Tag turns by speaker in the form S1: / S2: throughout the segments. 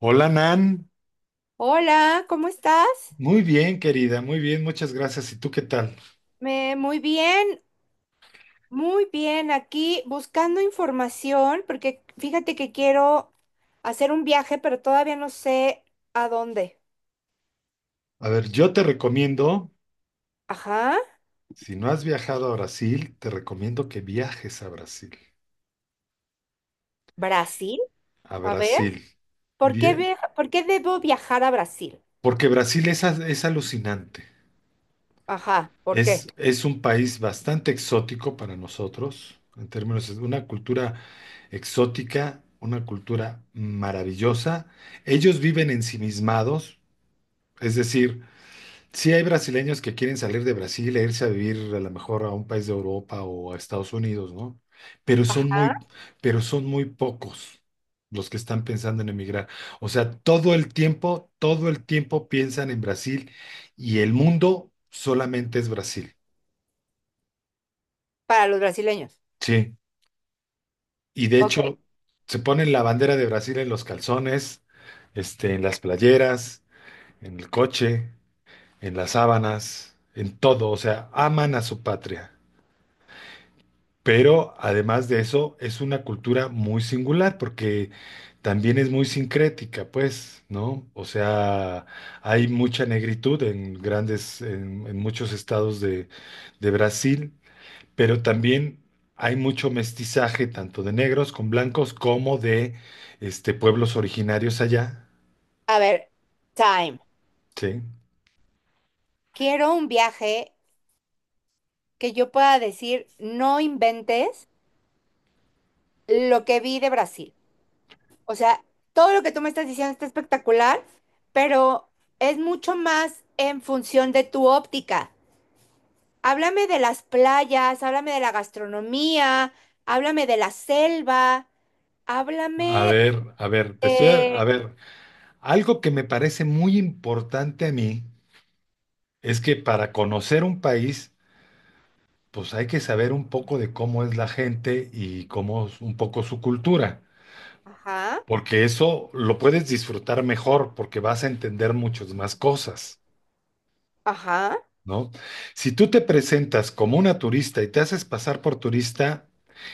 S1: Hola Nan,
S2: Hola, ¿cómo estás?
S1: muy bien querida, muy bien, muchas gracias. ¿Y tú qué tal?
S2: Muy bien, muy bien. Aquí buscando información, porque fíjate que quiero hacer un viaje, pero todavía no sé a dónde.
S1: A ver, yo te recomiendo,
S2: Ajá,
S1: si no has viajado a Brasil, te recomiendo que viajes a Brasil.
S2: Brasil.
S1: A
S2: A ver,
S1: Brasil. Bien.
S2: por qué debo viajar a Brasil?
S1: Porque Brasil es alucinante.
S2: Ajá, ¿por qué?
S1: Es un país bastante exótico para nosotros, en términos de una cultura exótica, una cultura maravillosa. Ellos viven ensimismados, es decir, sí, hay brasileños que quieren salir de Brasil e irse a vivir a lo mejor a un país de Europa o a Estados Unidos, ¿no? Pero son
S2: Ajá,
S1: muy, pero son muy pocos los que están pensando en emigrar. O sea, todo el tiempo piensan en Brasil y el mundo solamente es Brasil.
S2: para los brasileños.
S1: Sí. Y de
S2: Ok,
S1: hecho, se ponen la bandera de Brasil en los calzones, en las playeras, en el coche, en las sábanas, en todo. O sea, aman a su patria. Pero además de eso, es una cultura muy singular porque también es muy sincrética, pues, ¿no? O sea, hay mucha negritud en grandes, en muchos estados de Brasil, pero también hay mucho mestizaje, tanto de negros con blancos como de pueblos originarios allá,
S2: a ver, time.
S1: ¿sí?
S2: Quiero un viaje que yo pueda decir, no inventes lo que vi de Brasil. O sea, todo lo que tú me estás diciendo está espectacular, pero es mucho más en función de tu óptica. Háblame de las playas, háblame de la gastronomía, háblame de la selva,
S1: A
S2: háblame
S1: ver, a ver,
S2: de...
S1: a ver, algo que me parece muy importante a mí es que para conocer un país, pues hay que saber un poco de cómo es la gente y cómo es un poco su cultura,
S2: Ajá,
S1: porque eso lo puedes disfrutar mejor porque vas a entender muchas más cosas,
S2: ajá.
S1: ¿no? Si tú te presentas como una turista y te haces pasar por turista,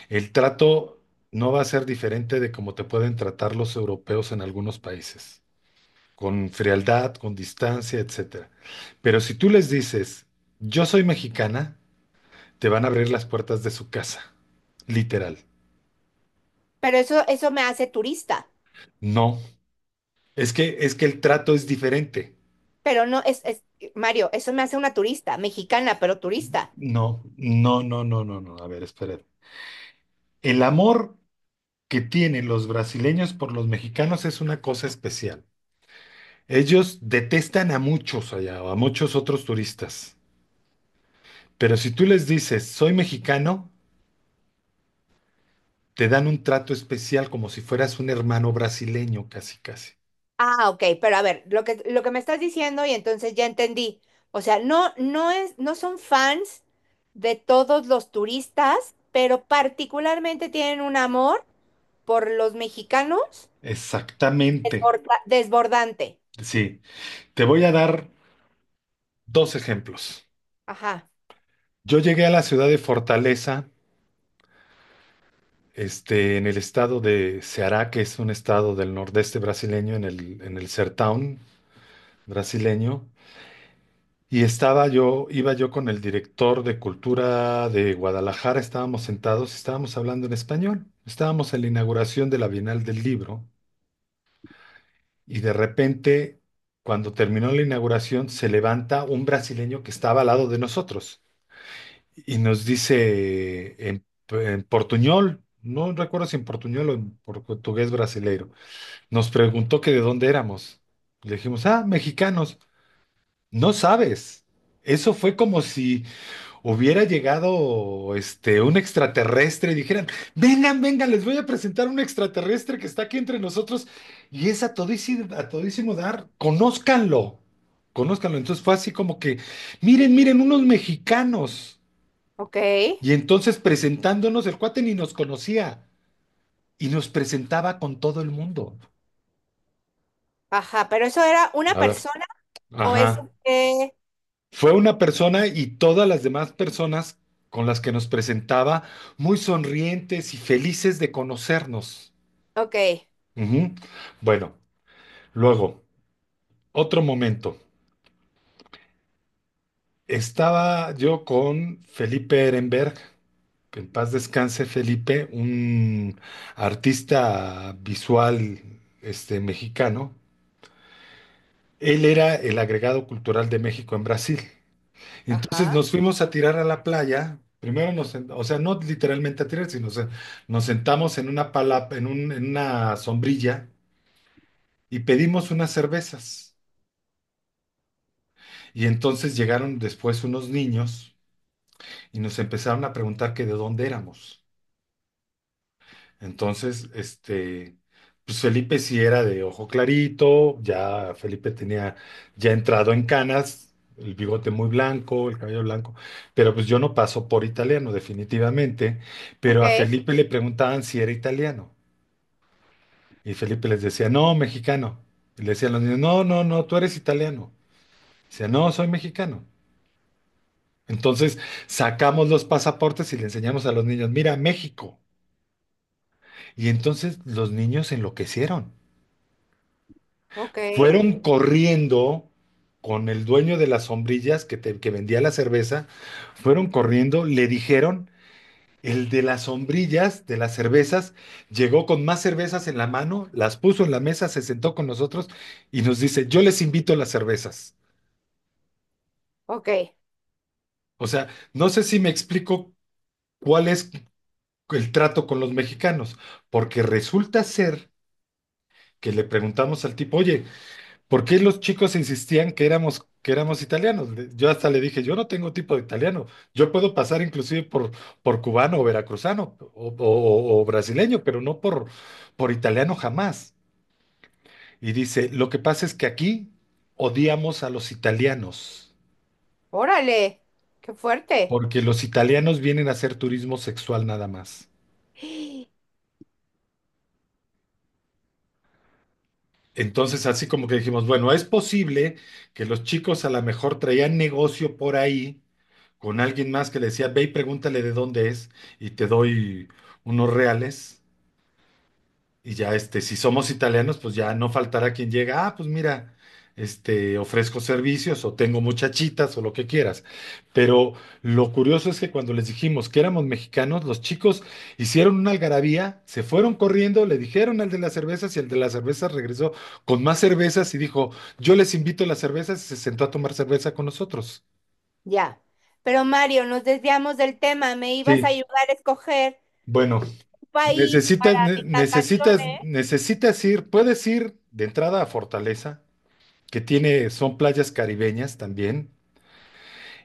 S1: el trato no va a ser diferente de cómo te pueden tratar los europeos en algunos países, con frialdad, con distancia, etcétera. Pero si tú les dices, yo soy mexicana, te van a abrir las puertas de su casa, literal.
S2: Pero eso me hace turista.
S1: No, es que el trato es diferente.
S2: Pero no, es, Mario, eso me hace una turista, mexicana, pero turista.
S1: No, no, no, no, no, no. A ver, espera. El amor que tienen los brasileños por los mexicanos es una cosa especial. Ellos detestan a muchos allá, o a muchos otros turistas. Pero si tú les dices, soy mexicano, te dan un trato especial como si fueras un hermano brasileño, casi, casi.
S2: Ah, ok, pero a ver, lo que me estás diciendo y entonces ya entendí. O sea, no, no es, no son fans de todos los turistas, pero particularmente tienen un amor por los mexicanos
S1: Exactamente.
S2: desbordante.
S1: Sí, te voy a dar dos ejemplos.
S2: Ajá,
S1: Yo llegué a la ciudad de Fortaleza en el estado de Ceará, que es un estado del nordeste brasileño, en el Sertão brasileño. Y estaba yo, iba yo con el director de cultura de Guadalajara, estábamos sentados, estábamos hablando en español, estábamos en la inauguración de la Bienal del Libro y de repente, cuando terminó la inauguración, se levanta un brasileño que estaba al lado de nosotros y nos dice en, portuñol, no recuerdo si en portuñol o en portugués brasileiro. Nos preguntó que de dónde éramos. Le dijimos, ah, mexicanos. No sabes. Eso fue como si hubiera llegado un extraterrestre y dijeran, vengan, vengan, les voy a presentar un extraterrestre que está aquí entre nosotros y es a todísimo dar, conózcanlo, conózcanlo. Entonces fue así como que, miren, miren, unos mexicanos.
S2: ok,
S1: Y entonces presentándonos, el cuate ni nos conocía y nos presentaba con todo el mundo.
S2: ajá, pero eso era una
S1: A ver,
S2: persona o
S1: ajá.
S2: eso que...
S1: Fue una persona y todas las demás personas con las que nos presentaba muy sonrientes y felices de conocernos.
S2: Ok,
S1: Ujú. Bueno, luego, otro momento. Estaba yo con Felipe Ehrenberg, que en paz descanse Felipe, un artista visual mexicano. Él era el agregado cultural de México en Brasil. Entonces
S2: ajá,
S1: nos fuimos a tirar a la playa. Primero o sea, no literalmente a tirar, sino nos sentamos en una pala- en un- en una sombrilla y pedimos unas cervezas. Y entonces llegaron después unos niños y nos empezaron a preguntar que de dónde éramos. Entonces, pues Felipe sí era de ojo clarito, ya Felipe tenía ya entrado en canas, el bigote muy blanco, el cabello blanco, pero pues yo no paso por italiano definitivamente, pero
S2: ok,
S1: a Felipe le preguntaban si era italiano y Felipe les decía, no, mexicano. Y le decían los niños, no, no, no, tú eres italiano. Decía no, soy mexicano. Entonces sacamos los pasaportes y le enseñamos a los niños, mira, México. Y entonces los niños enloquecieron.
S2: ok,
S1: Fueron corriendo con el dueño de las sombrillas que, que vendía la cerveza, fueron corriendo, le dijeron, el de las sombrillas, de las cervezas, llegó con más cervezas en la mano, las puso en la mesa, se sentó con nosotros y nos dice, yo les invito las cervezas.
S2: ok.
S1: O sea, no sé si me explico cuál es el trato con los mexicanos, porque resulta ser que le preguntamos al tipo, oye, ¿por qué los chicos insistían que éramos italianos? Yo hasta le dije, yo no tengo tipo de italiano, yo puedo pasar inclusive por cubano o veracruzano o brasileño, pero no por italiano jamás. Y dice, lo que pasa es que aquí odiamos a los italianos,
S2: Órale, qué fuerte.
S1: porque los italianos vienen a hacer turismo sexual nada más. Entonces, así como que dijimos, bueno, es posible que los chicos a lo mejor traían negocio por ahí con alguien más que le decía, ve y pregúntale de dónde es y te doy unos reales y ya si somos italianos, pues ya no faltará quien llega, ah, pues mira, ofrezco servicios o tengo muchachitas o lo que quieras. Pero lo curioso es que cuando les dijimos que éramos mexicanos, los chicos hicieron una algarabía, se fueron corriendo, le dijeron al de las cervezas y el de las cervezas regresó con más cervezas y dijo, yo les invito las cervezas y se sentó a tomar cerveza con nosotros.
S2: Ya. Pero Mario, nos desviamos del tema. Me ibas a
S1: Sí,
S2: ayudar a escoger
S1: bueno.
S2: un país
S1: Necesitas,
S2: para
S1: ne-
S2: mis
S1: necesitas,
S2: vacaciones.
S1: necesitas ir, puedes ir de entrada a Fortaleza, que tiene, son playas caribeñas también,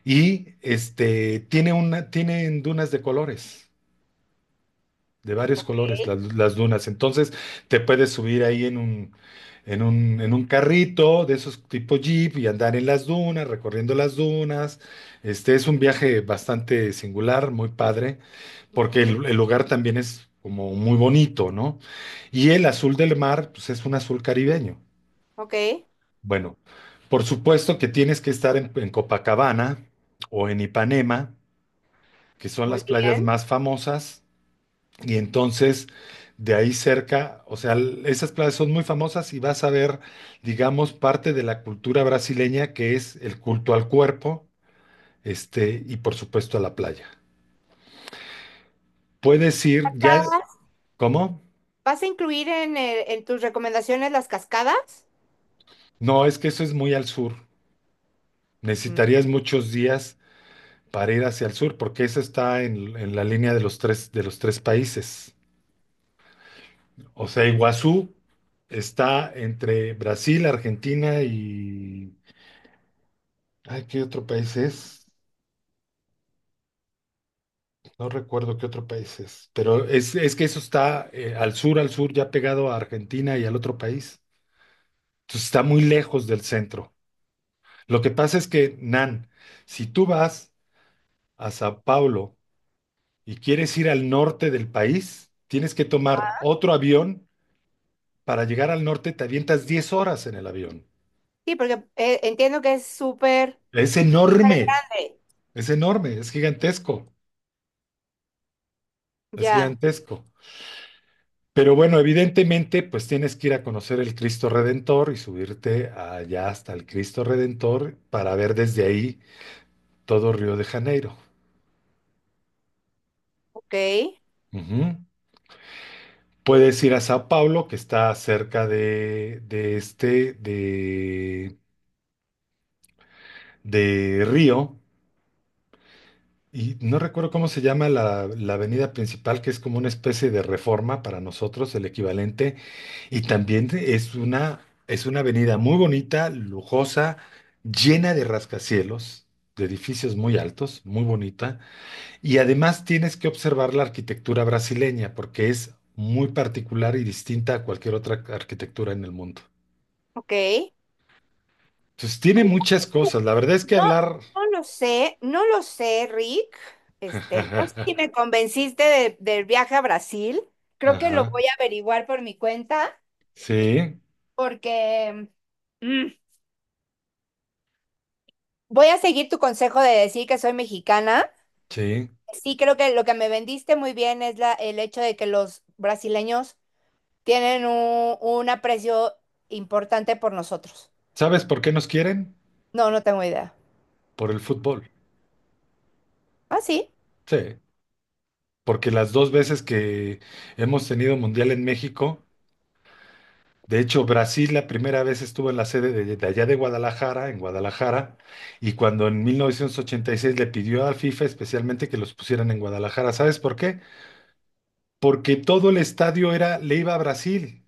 S1: y tiene una, tienen dunas de colores, de varios
S2: Ok,
S1: colores las dunas. Entonces te puedes subir ahí en un, en un carrito de esos tipo Jeep y andar en las dunas, recorriendo las dunas. Este es un viaje bastante singular, muy padre porque
S2: ujú,
S1: el lugar también es como muy bonito, ¿no? Y el azul del mar, pues es un azul caribeño.
S2: ok.
S1: Bueno, por supuesto que tienes que estar en, Copacabana o en Ipanema, que son
S2: Muy
S1: las playas
S2: bien.
S1: más famosas, y entonces de ahí cerca, o sea, esas playas son muy famosas y vas a ver, digamos, parte de la cultura brasileña que es el culto al cuerpo, y por supuesto a la playa. Puedes ir ya,
S2: Cascadas.
S1: ¿cómo?
S2: ¿Vas a incluir en, en tus recomendaciones las cascadas?
S1: No, es que eso es muy al sur.
S2: Mm,
S1: Necesitarías muchos días para ir hacia el sur, porque eso está en la línea de los tres países. O sea, Iguazú está entre Brasil, Argentina y... Ay, ¿qué otro país es? No recuerdo qué otro país es, pero es que eso está al sur, ya pegado a Argentina y al otro país. Entonces está muy lejos del centro. Lo que pasa es que, Nan, si tú vas a Sao Paulo, y quieres ir al norte del país, tienes que tomar otro avión. Para llegar al norte te avientas 10 horas en el avión.
S2: sí, porque entiendo que es súper
S1: Es
S2: súper
S1: enorme,
S2: grande.
S1: es enorme, es gigantesco, es
S2: Ya.
S1: gigantesco. Pero bueno, evidentemente, pues tienes que ir a conocer el Cristo Redentor y subirte allá hasta el Cristo Redentor para ver desde ahí todo Río de Janeiro.
S2: Ok.
S1: Ujú. Puedes ir a Sao Paulo, que está cerca de Río. Y no recuerdo cómo se llama la avenida principal, que es como una especie de reforma para nosotros, el equivalente. Y también es una avenida muy bonita, lujosa, llena de rascacielos, de edificios muy altos, muy bonita. Y además tienes que observar la arquitectura brasileña, porque es muy particular y distinta a cualquier otra arquitectura en el mundo.
S2: Ok.
S1: Entonces tiene muchas cosas. La verdad es que
S2: No,
S1: hablar...
S2: no lo sé. No lo sé, Rick. No sé si me convenciste del viaje a Brasil. Creo que lo
S1: Ajá,
S2: voy a averiguar por mi cuenta,
S1: sí,
S2: porque mm, voy a seguir tu consejo de decir que soy mexicana.
S1: sí.
S2: Sí, creo que lo que me vendiste muy bien es la, el hecho de que los brasileños tienen un aprecio importante por nosotros.
S1: ¿Sabes por qué nos quieren?
S2: No, no tengo idea.
S1: Por el fútbol.
S2: Ah, sí.
S1: Sí, porque las dos veces que hemos tenido mundial en México, de hecho Brasil la primera vez estuvo en la sede de allá de Guadalajara, en Guadalajara, y cuando en 1986 le pidió a FIFA especialmente que los pusieran en Guadalajara, ¿sabes por qué? Porque todo el estadio era, le iba a Brasil.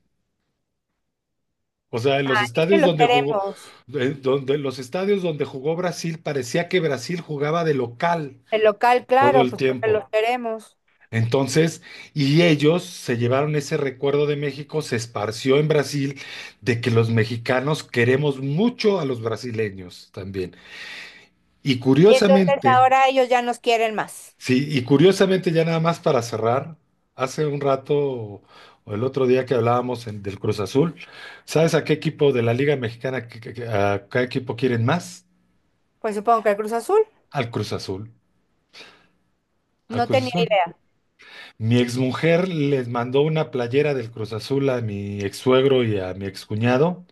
S1: O sea, en los
S2: Es que
S1: estadios
S2: los
S1: donde jugó,
S2: queremos.
S1: los estadios donde jugó Brasil parecía que Brasil jugaba de local
S2: El local,
S1: todo
S2: claro,
S1: el
S2: pues porque los
S1: tiempo.
S2: queremos.
S1: Entonces, y ellos se llevaron ese recuerdo de México, se esparció en Brasil, de que los mexicanos queremos mucho a los brasileños también. Y
S2: Y entonces
S1: curiosamente,
S2: ahora ellos ya nos quieren más.
S1: sí, y curiosamente ya nada más para cerrar, hace un rato o el otro día que hablábamos del Cruz Azul, ¿sabes a qué equipo de la Liga Mexicana, a qué equipo quieren más?
S2: Pues supongo que el Cruz Azul.
S1: Al Cruz Azul, al
S2: No
S1: Cruz
S2: tenía
S1: Azul.
S2: idea.
S1: Mi exmujer les mandó una playera del Cruz Azul a mi ex suegro y a mi excuñado.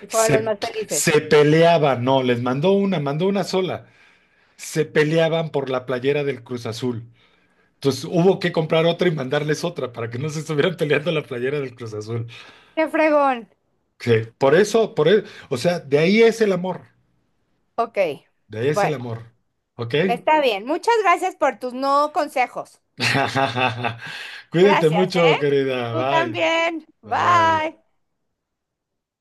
S2: Y fueron los
S1: Se,
S2: más felices.
S1: se peleaban, no, les mandó una sola. Se peleaban por la playera del Cruz Azul. Entonces hubo que comprar otra y mandarles otra para que no se estuvieran peleando la playera del Cruz Azul.
S2: ¡Qué fregón!
S1: Sí, por eso, o sea, de ahí es el amor,
S2: Ok.
S1: de ahí es el
S2: Bueno.
S1: amor. ¿Ok?
S2: Está bien. Muchas gracias por tus no consejos.
S1: Cuídate
S2: Gracias,
S1: mucho,
S2: ¿eh?
S1: querida.
S2: Tú
S1: Bye.
S2: también.
S1: Bye.
S2: Bye.